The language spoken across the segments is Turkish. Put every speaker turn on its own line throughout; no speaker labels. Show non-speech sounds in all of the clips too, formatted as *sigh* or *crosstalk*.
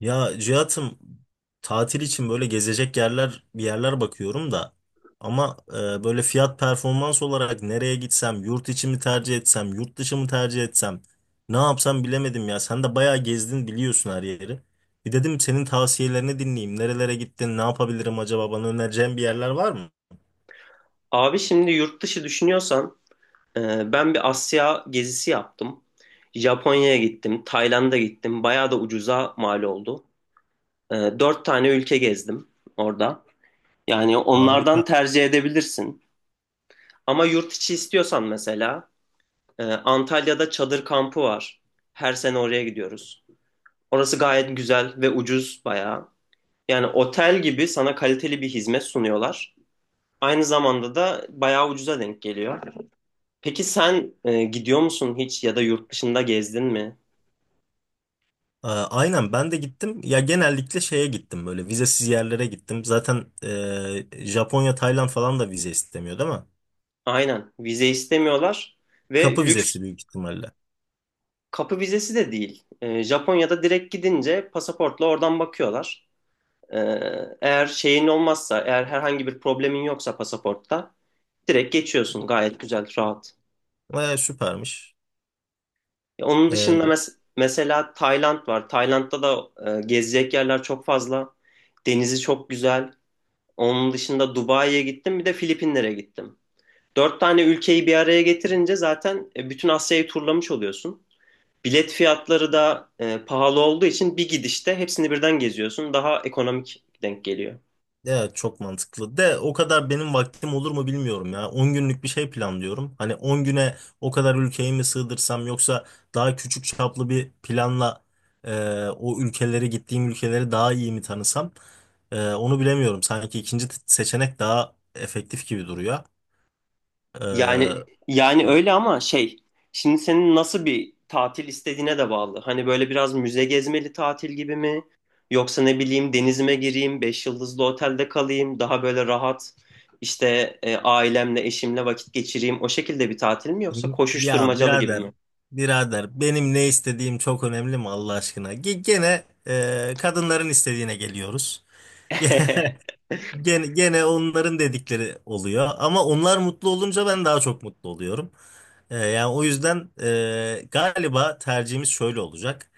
Ya Cihat'ım, tatil için böyle gezecek yerler bir yerler bakıyorum da ama böyle fiyat performans olarak nereye gitsem, yurt içi mi tercih etsem, yurt dışı mı tercih etsem, ne yapsam bilemedim ya. Sen de bayağı gezdin, biliyorsun her yeri. Bir dedim senin tavsiyelerini dinleyeyim, nerelere gittin, ne yapabilirim, acaba bana önereceğin bir yerler var mı?
Abi şimdi yurt dışı düşünüyorsan ben bir Asya gezisi yaptım. Japonya'ya gittim, Tayland'a gittim. Bayağı da ucuza mal oldu. Dört tane ülke gezdim orada. Yani onlardan
Harika.
tercih edebilirsin. Ama yurt içi istiyorsan mesela Antalya'da çadır kampı var. Her sene oraya gidiyoruz. Orası gayet güzel ve ucuz bayağı. Yani otel gibi sana kaliteli bir hizmet sunuyorlar. Aynı zamanda da bayağı ucuza denk geliyor. Peki sen gidiyor musun hiç ya da yurt dışında gezdin mi?
Aynen, ben de gittim ya. Genellikle şeye gittim, böyle vizesiz yerlere gittim zaten. Japonya, Tayland falan da vize istemiyor değil mi?
Aynen. Vize istemiyorlar ve
Kapı
lüks
vizesi büyük ihtimalle.
kapı vizesi de değil. Japonya'da direkt gidince pasaportla oradan bakıyorlar. E, Eğer şeyin olmazsa, eğer herhangi bir problemin yoksa pasaportta direkt geçiyorsun. Gayet güzel, rahat.
Süpermiş.
Onun dışında
Ee,
mesela Tayland var. Tayland'da da gezecek yerler çok fazla. Denizi çok güzel. Onun dışında Dubai'ye gittim, bir de Filipinlere gittim. Dört tane ülkeyi bir araya getirince zaten bütün Asya'yı turlamış oluyorsun. Bilet fiyatları da pahalı olduğu için bir gidişte hepsini birden geziyorsun. Daha ekonomik denk geliyor.
evet, çok mantıklı. De o kadar benim vaktim olur mu bilmiyorum ya. 10 günlük bir şey planlıyorum. Hani 10 güne o kadar ülkeyi mi sığdırsam, yoksa daha küçük çaplı bir planla o ülkeleri gittiğim ülkeleri daha iyi mi tanısam? Onu bilemiyorum. Sanki ikinci seçenek daha efektif gibi duruyor.
Yani
Ee,
yani öyle ama şey, şimdi senin nasıl bir tatil istediğine de bağlı. Hani böyle biraz müze gezmeli tatil gibi mi? Yoksa ne bileyim denizime gireyim, beş yıldızlı otelde kalayım, daha böyle rahat işte ailemle, eşimle vakit geçireyim. O şekilde bir tatil mi yoksa
Ya
koşuşturmacalı gibi
birader,
mi?
birader, benim ne istediğim çok önemli mi Allah aşkına? Gene kadınların istediğine geliyoruz. *laughs*
*laughs*
Gene, gene onların dedikleri oluyor, ama onlar mutlu olunca ben daha çok mutlu oluyorum. Yani o yüzden galiba tercihimiz şöyle olacak.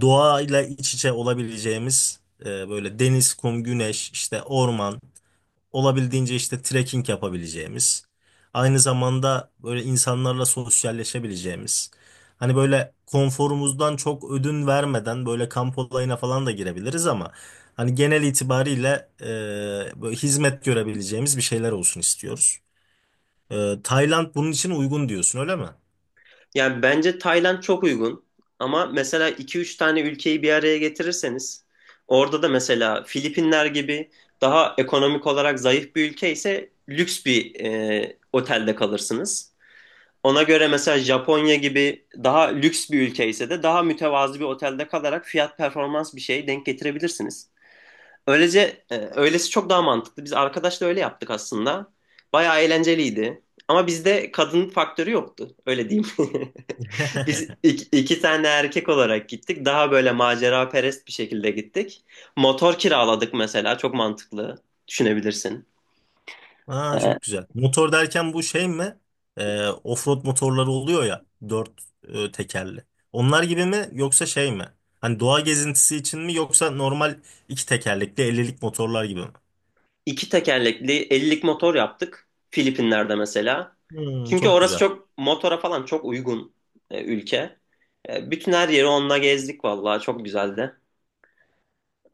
Doğayla iç içe olabileceğimiz, böyle deniz, kum, güneş, işte orman, olabildiğince işte trekking yapabileceğimiz, aynı zamanda böyle insanlarla sosyalleşebileceğimiz, hani böyle konforumuzdan çok ödün vermeden böyle kamp olayına falan da girebiliriz ama hani genel itibariyle e, böyle hizmet görebileceğimiz bir şeyler olsun istiyoruz. Tayland bunun için uygun diyorsun, öyle mi?
Yani bence Tayland çok uygun. Ama mesela iki üç tane ülkeyi bir araya getirirseniz orada da mesela Filipinler gibi daha ekonomik olarak zayıf bir ülke ise lüks bir otelde kalırsınız. Ona göre mesela Japonya gibi daha lüks bir ülke ise de daha mütevazı bir otelde kalarak fiyat performans bir şey denk getirebilirsiniz. Öylece öylesi çok daha mantıklı. Biz arkadaşla öyle yaptık aslında. Bayağı eğlenceliydi. Ama bizde kadın faktörü yoktu. Öyle diyeyim. *laughs* Biz
*laughs*
iki tane erkek olarak gittik. Daha böyle macera perest bir şekilde gittik. Motor kiraladık mesela. Çok mantıklı. Düşünebilirsin.
Aa,
Ee,
çok güzel. Motor derken bu şey mi? Offroad motorları oluyor ya, dört tekerli. Onlar gibi mi yoksa şey mi? Hani doğa gezintisi için mi, yoksa normal iki tekerlekli 50'lik motorlar gibi mi?
iki tekerlekli 50'lik motor yaptık. Filipinler'de mesela.
Hmm,
Çünkü
çok
orası
güzel.
çok motora falan çok uygun ülke. Bütün her yeri onunla gezdik vallahi. Çok güzeldi.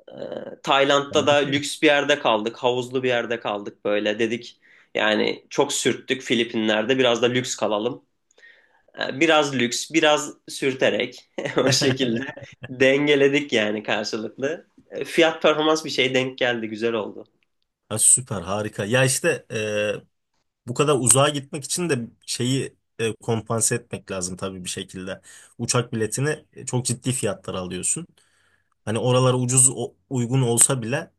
Tayland'da da
Harika.
lüks bir yerde kaldık. Havuzlu bir yerde kaldık böyle. Dedik yani çok sürttük Filipinler'de. Biraz da lüks kalalım. Biraz lüks, biraz sürterek *laughs* o
*laughs*
şekilde dengeledik yani karşılıklı. Fiyat performans bir şey denk geldi. Güzel oldu.
Ha, süper, harika. Ya işte bu kadar uzağa gitmek için de şeyi kompanse etmek lazım tabii bir şekilde. Uçak biletini çok ciddi fiyatlar alıyorsun. Hani oralara ucuz uygun olsa bile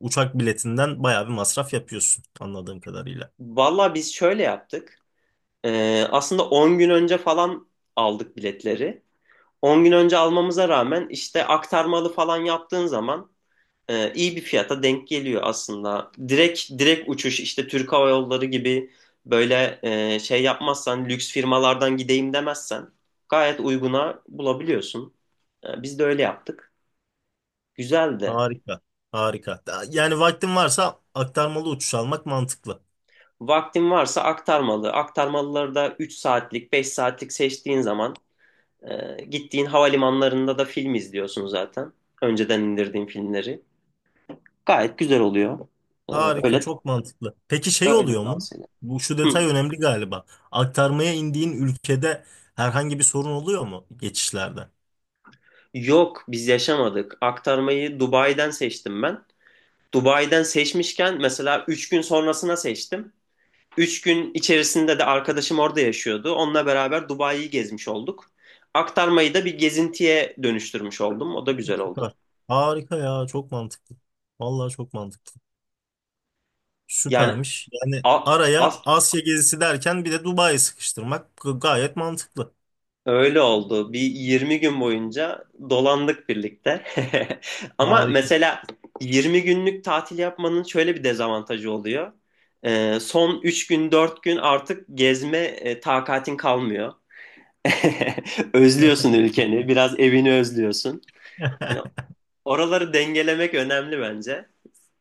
uçak biletinden bayağı bir masraf yapıyorsun anladığım kadarıyla.
Valla biz şöyle yaptık. Aslında 10 gün önce falan aldık biletleri. 10 gün önce almamıza rağmen işte aktarmalı falan yaptığın zaman iyi bir fiyata denk geliyor aslında. Direkt uçuş işte Türk Hava Yolları gibi böyle şey yapmazsan lüks firmalardan gideyim demezsen gayet uyguna bulabiliyorsun. Biz de öyle yaptık. Güzeldi.
Harika. Harika. Yani vaktin varsa aktarmalı uçuş almak mantıklı.
Vaktin varsa aktarmalı. Aktarmalıları da 3 saatlik, 5 saatlik seçtiğin zaman gittiğin havalimanlarında da film izliyorsun zaten. Önceden indirdiğin filmleri. Gayet güzel oluyor. E,
Harika,
öyle
çok mantıklı. Peki şey
öyle
oluyor mu?
tavsiye ederim.
Bu şu detay
Hı.
önemli galiba. Aktarmaya indiğin ülkede herhangi bir sorun oluyor mu geçişlerde?
Yok biz yaşamadık. Aktarmayı Dubai'den seçtim ben. Dubai'den seçmişken mesela 3 gün sonrasına seçtim. 3 gün içerisinde de arkadaşım orada yaşıyordu. Onunla beraber Dubai'yi gezmiş olduk. Aktarmayı da bir gezintiye dönüştürmüş oldum. O da güzel oldu.
Süper. Harika ya, çok mantıklı. Vallahi çok mantıklı.
Yani
Süpermiş. Yani
a- as-
araya Asya gezisi derken bir de Dubai'yi sıkıştırmak gayet mantıklı.
Öyle oldu. Bir 20 gün boyunca dolandık birlikte. *laughs* Ama
Harika.
mesela 20 günlük tatil yapmanın şöyle bir dezavantajı oluyor. Son 3 gün 4 gün artık gezme takatin kalmıyor. *laughs* Özlüyorsun ülkeni, biraz evini özlüyorsun. Hani
*laughs*
oraları dengelemek önemli bence.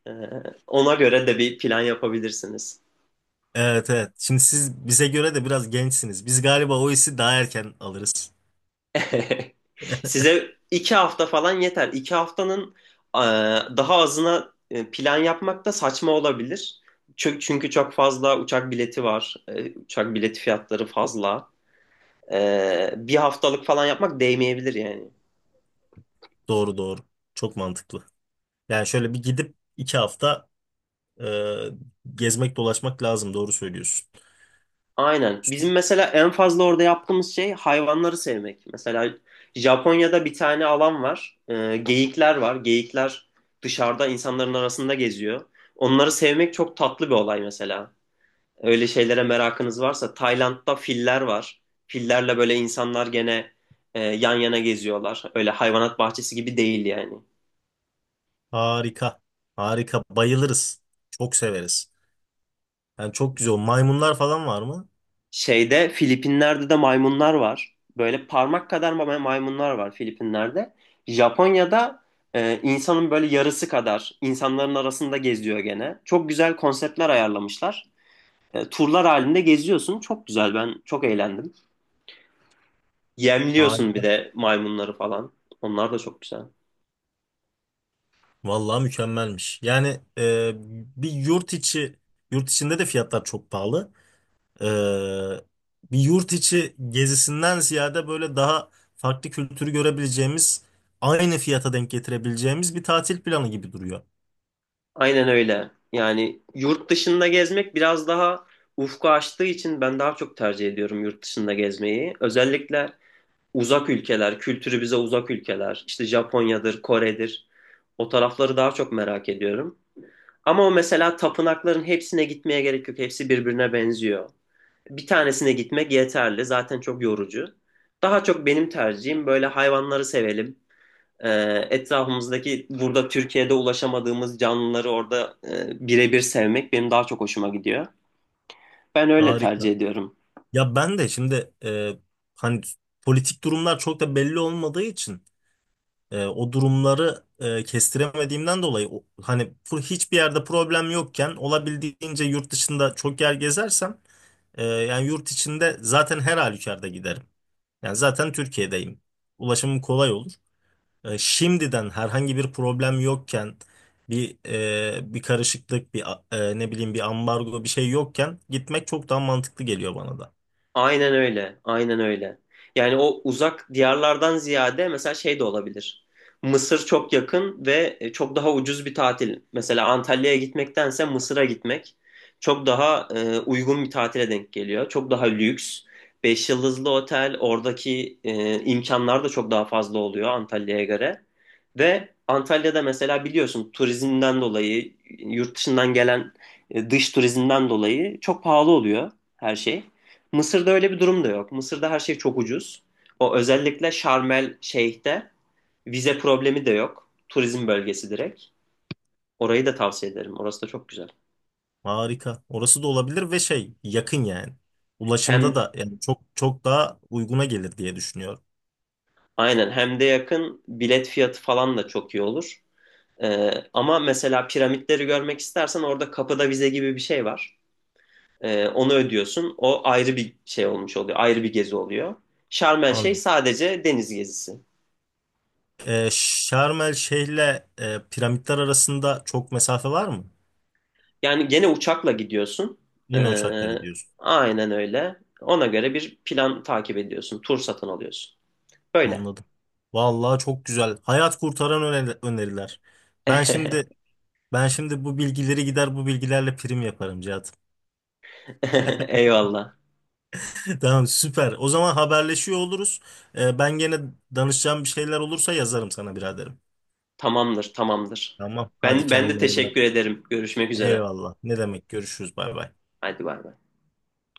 Ee, Ona göre de bir plan yapabilirsiniz.
Evet, evet. Şimdi siz bize göre de biraz gençsiniz. Biz galiba o hissi daha erken alırız.
*laughs* Size iki hafta falan yeter. İki haftanın e, daha azına plan yapmak da saçma olabilir. Çünkü çok fazla uçak bileti var. Uçak bileti fiyatları fazla. Bir haftalık falan yapmak değmeyebilir yani.
Doğru, doğru. Çok mantıklı. Yani şöyle bir gidip iki hafta e, gezmek dolaşmak lazım. Doğru söylüyorsun.
Aynen. Bizim mesela en fazla orada yaptığımız şey hayvanları sevmek. Mesela Japonya'da bir tane alan var. Geyikler var. Geyikler dışarıda insanların arasında geziyor. Onları sevmek çok tatlı bir olay mesela. Öyle şeylere merakınız varsa Tayland'da filler var. Fillerle böyle insanlar gene yan yana geziyorlar. Öyle hayvanat bahçesi gibi değil yani.
Harika. Harika. Bayılırız. Çok severiz. Yani çok güzel. O maymunlar falan var mı?
Şeyde Filipinler'de de maymunlar var. Böyle parmak kadar maymunlar var Filipinler'de. Japonya'da insanın böyle yarısı kadar insanların arasında geziyor gene. Çok güzel konseptler ayarlamışlar. Turlar halinde geziyorsun. Çok güzel, ben çok eğlendim. Yemliyorsun bir
Harika.
de maymunları falan. Onlar da çok güzel.
Vallahi mükemmelmiş. Yani e, bir yurt içi yurt içinde de fiyatlar çok pahalı. Ee, Bir yurt içi gezisinden ziyade böyle daha farklı kültürü görebileceğimiz, aynı fiyata denk getirebileceğimiz bir tatil planı gibi duruyor.
Aynen öyle. Yani yurt dışında gezmek biraz daha ufku açtığı için ben daha çok tercih ediyorum yurt dışında gezmeyi. Özellikle uzak ülkeler, kültürü bize uzak ülkeler, işte Japonya'dır, Kore'dir. O tarafları daha çok merak ediyorum. Ama o mesela tapınakların hepsine gitmeye gerek yok. Hepsi birbirine benziyor. Bir tanesine gitmek yeterli. Zaten çok yorucu. Daha çok benim tercihim böyle hayvanları sevelim. E, Etrafımızdaki burada Türkiye'de ulaşamadığımız canlıları orada birebir sevmek benim daha çok hoşuma gidiyor. Ben öyle tercih
Harika.
ediyorum.
Ya ben de şimdi hani politik durumlar çok da belli olmadığı için o durumları kestiremediğimden dolayı hani hiçbir yerde problem yokken olabildiğince yurt dışında çok yer gezersem, yani yurt içinde zaten her halükarda giderim. Yani zaten Türkiye'deyim. Ulaşımım kolay olur. Şimdiden herhangi bir problem yokken, bir bir karışıklık, bir ne bileyim, bir ambargo bir şey yokken gitmek çok daha mantıklı geliyor bana da.
Aynen öyle. Aynen öyle. Yani o uzak diyarlardan ziyade mesela şey de olabilir. Mısır çok yakın ve çok daha ucuz bir tatil. Mesela Antalya'ya gitmektense Mısır'a gitmek çok daha uygun bir tatile denk geliyor. Çok daha lüks. Beş yıldızlı otel, oradaki imkanlar da çok daha fazla oluyor Antalya'ya göre. Ve Antalya'da mesela biliyorsun turizmden dolayı, yurt dışından gelen dış turizmden dolayı çok pahalı oluyor her şey. Mısır'da öyle bir durum da yok. Mısır'da her şey çok ucuz. O özellikle Şarmel Şeyh'te vize problemi de yok. Turizm bölgesi direkt. Orayı da tavsiye ederim. Orası da çok güzel.
Harika. Orası da olabilir, ve şey, yakın yani. Ulaşımda
Hem
da yani çok çok daha uyguna gelir diye düşünüyorum.
aynen hem de yakın, bilet fiyatı falan da çok iyi olur. Ama mesela piramitleri görmek istersen orada kapıda vize gibi bir şey var. Onu ödüyorsun. O ayrı bir şey olmuş oluyor. Ayrı bir gezi oluyor. Şarmel Şeyh
Anladım.
sadece deniz gezisi.
Şarm El Şeyh'le piramitler arasında çok mesafe var mı?
Yani gene uçakla gidiyorsun.
Yine uçakla
Ee,
gidiyorsun.
aynen öyle. Ona göre bir plan takip ediyorsun. Tur satın alıyorsun. Böyle.
Anladım. Vallahi çok güzel. Hayat kurtaran öneriler. Ben şimdi Ben şimdi bu bilgileri gider bu bilgilerle prim yaparım Cihat. *laughs*
*laughs* Eyvallah.
Tamam, süper. O zaman haberleşiyor oluruz. Ben gene danışacağım bir şeyler olursa yazarım sana biraderim.
Tamamdır, tamamdır.
Tamam. Hadi
Ben de
kendine iyi bak.
teşekkür ederim. Görüşmek üzere.
Eyvallah. Ne demek? Görüşürüz. Bay bay.
Hadi bay bay.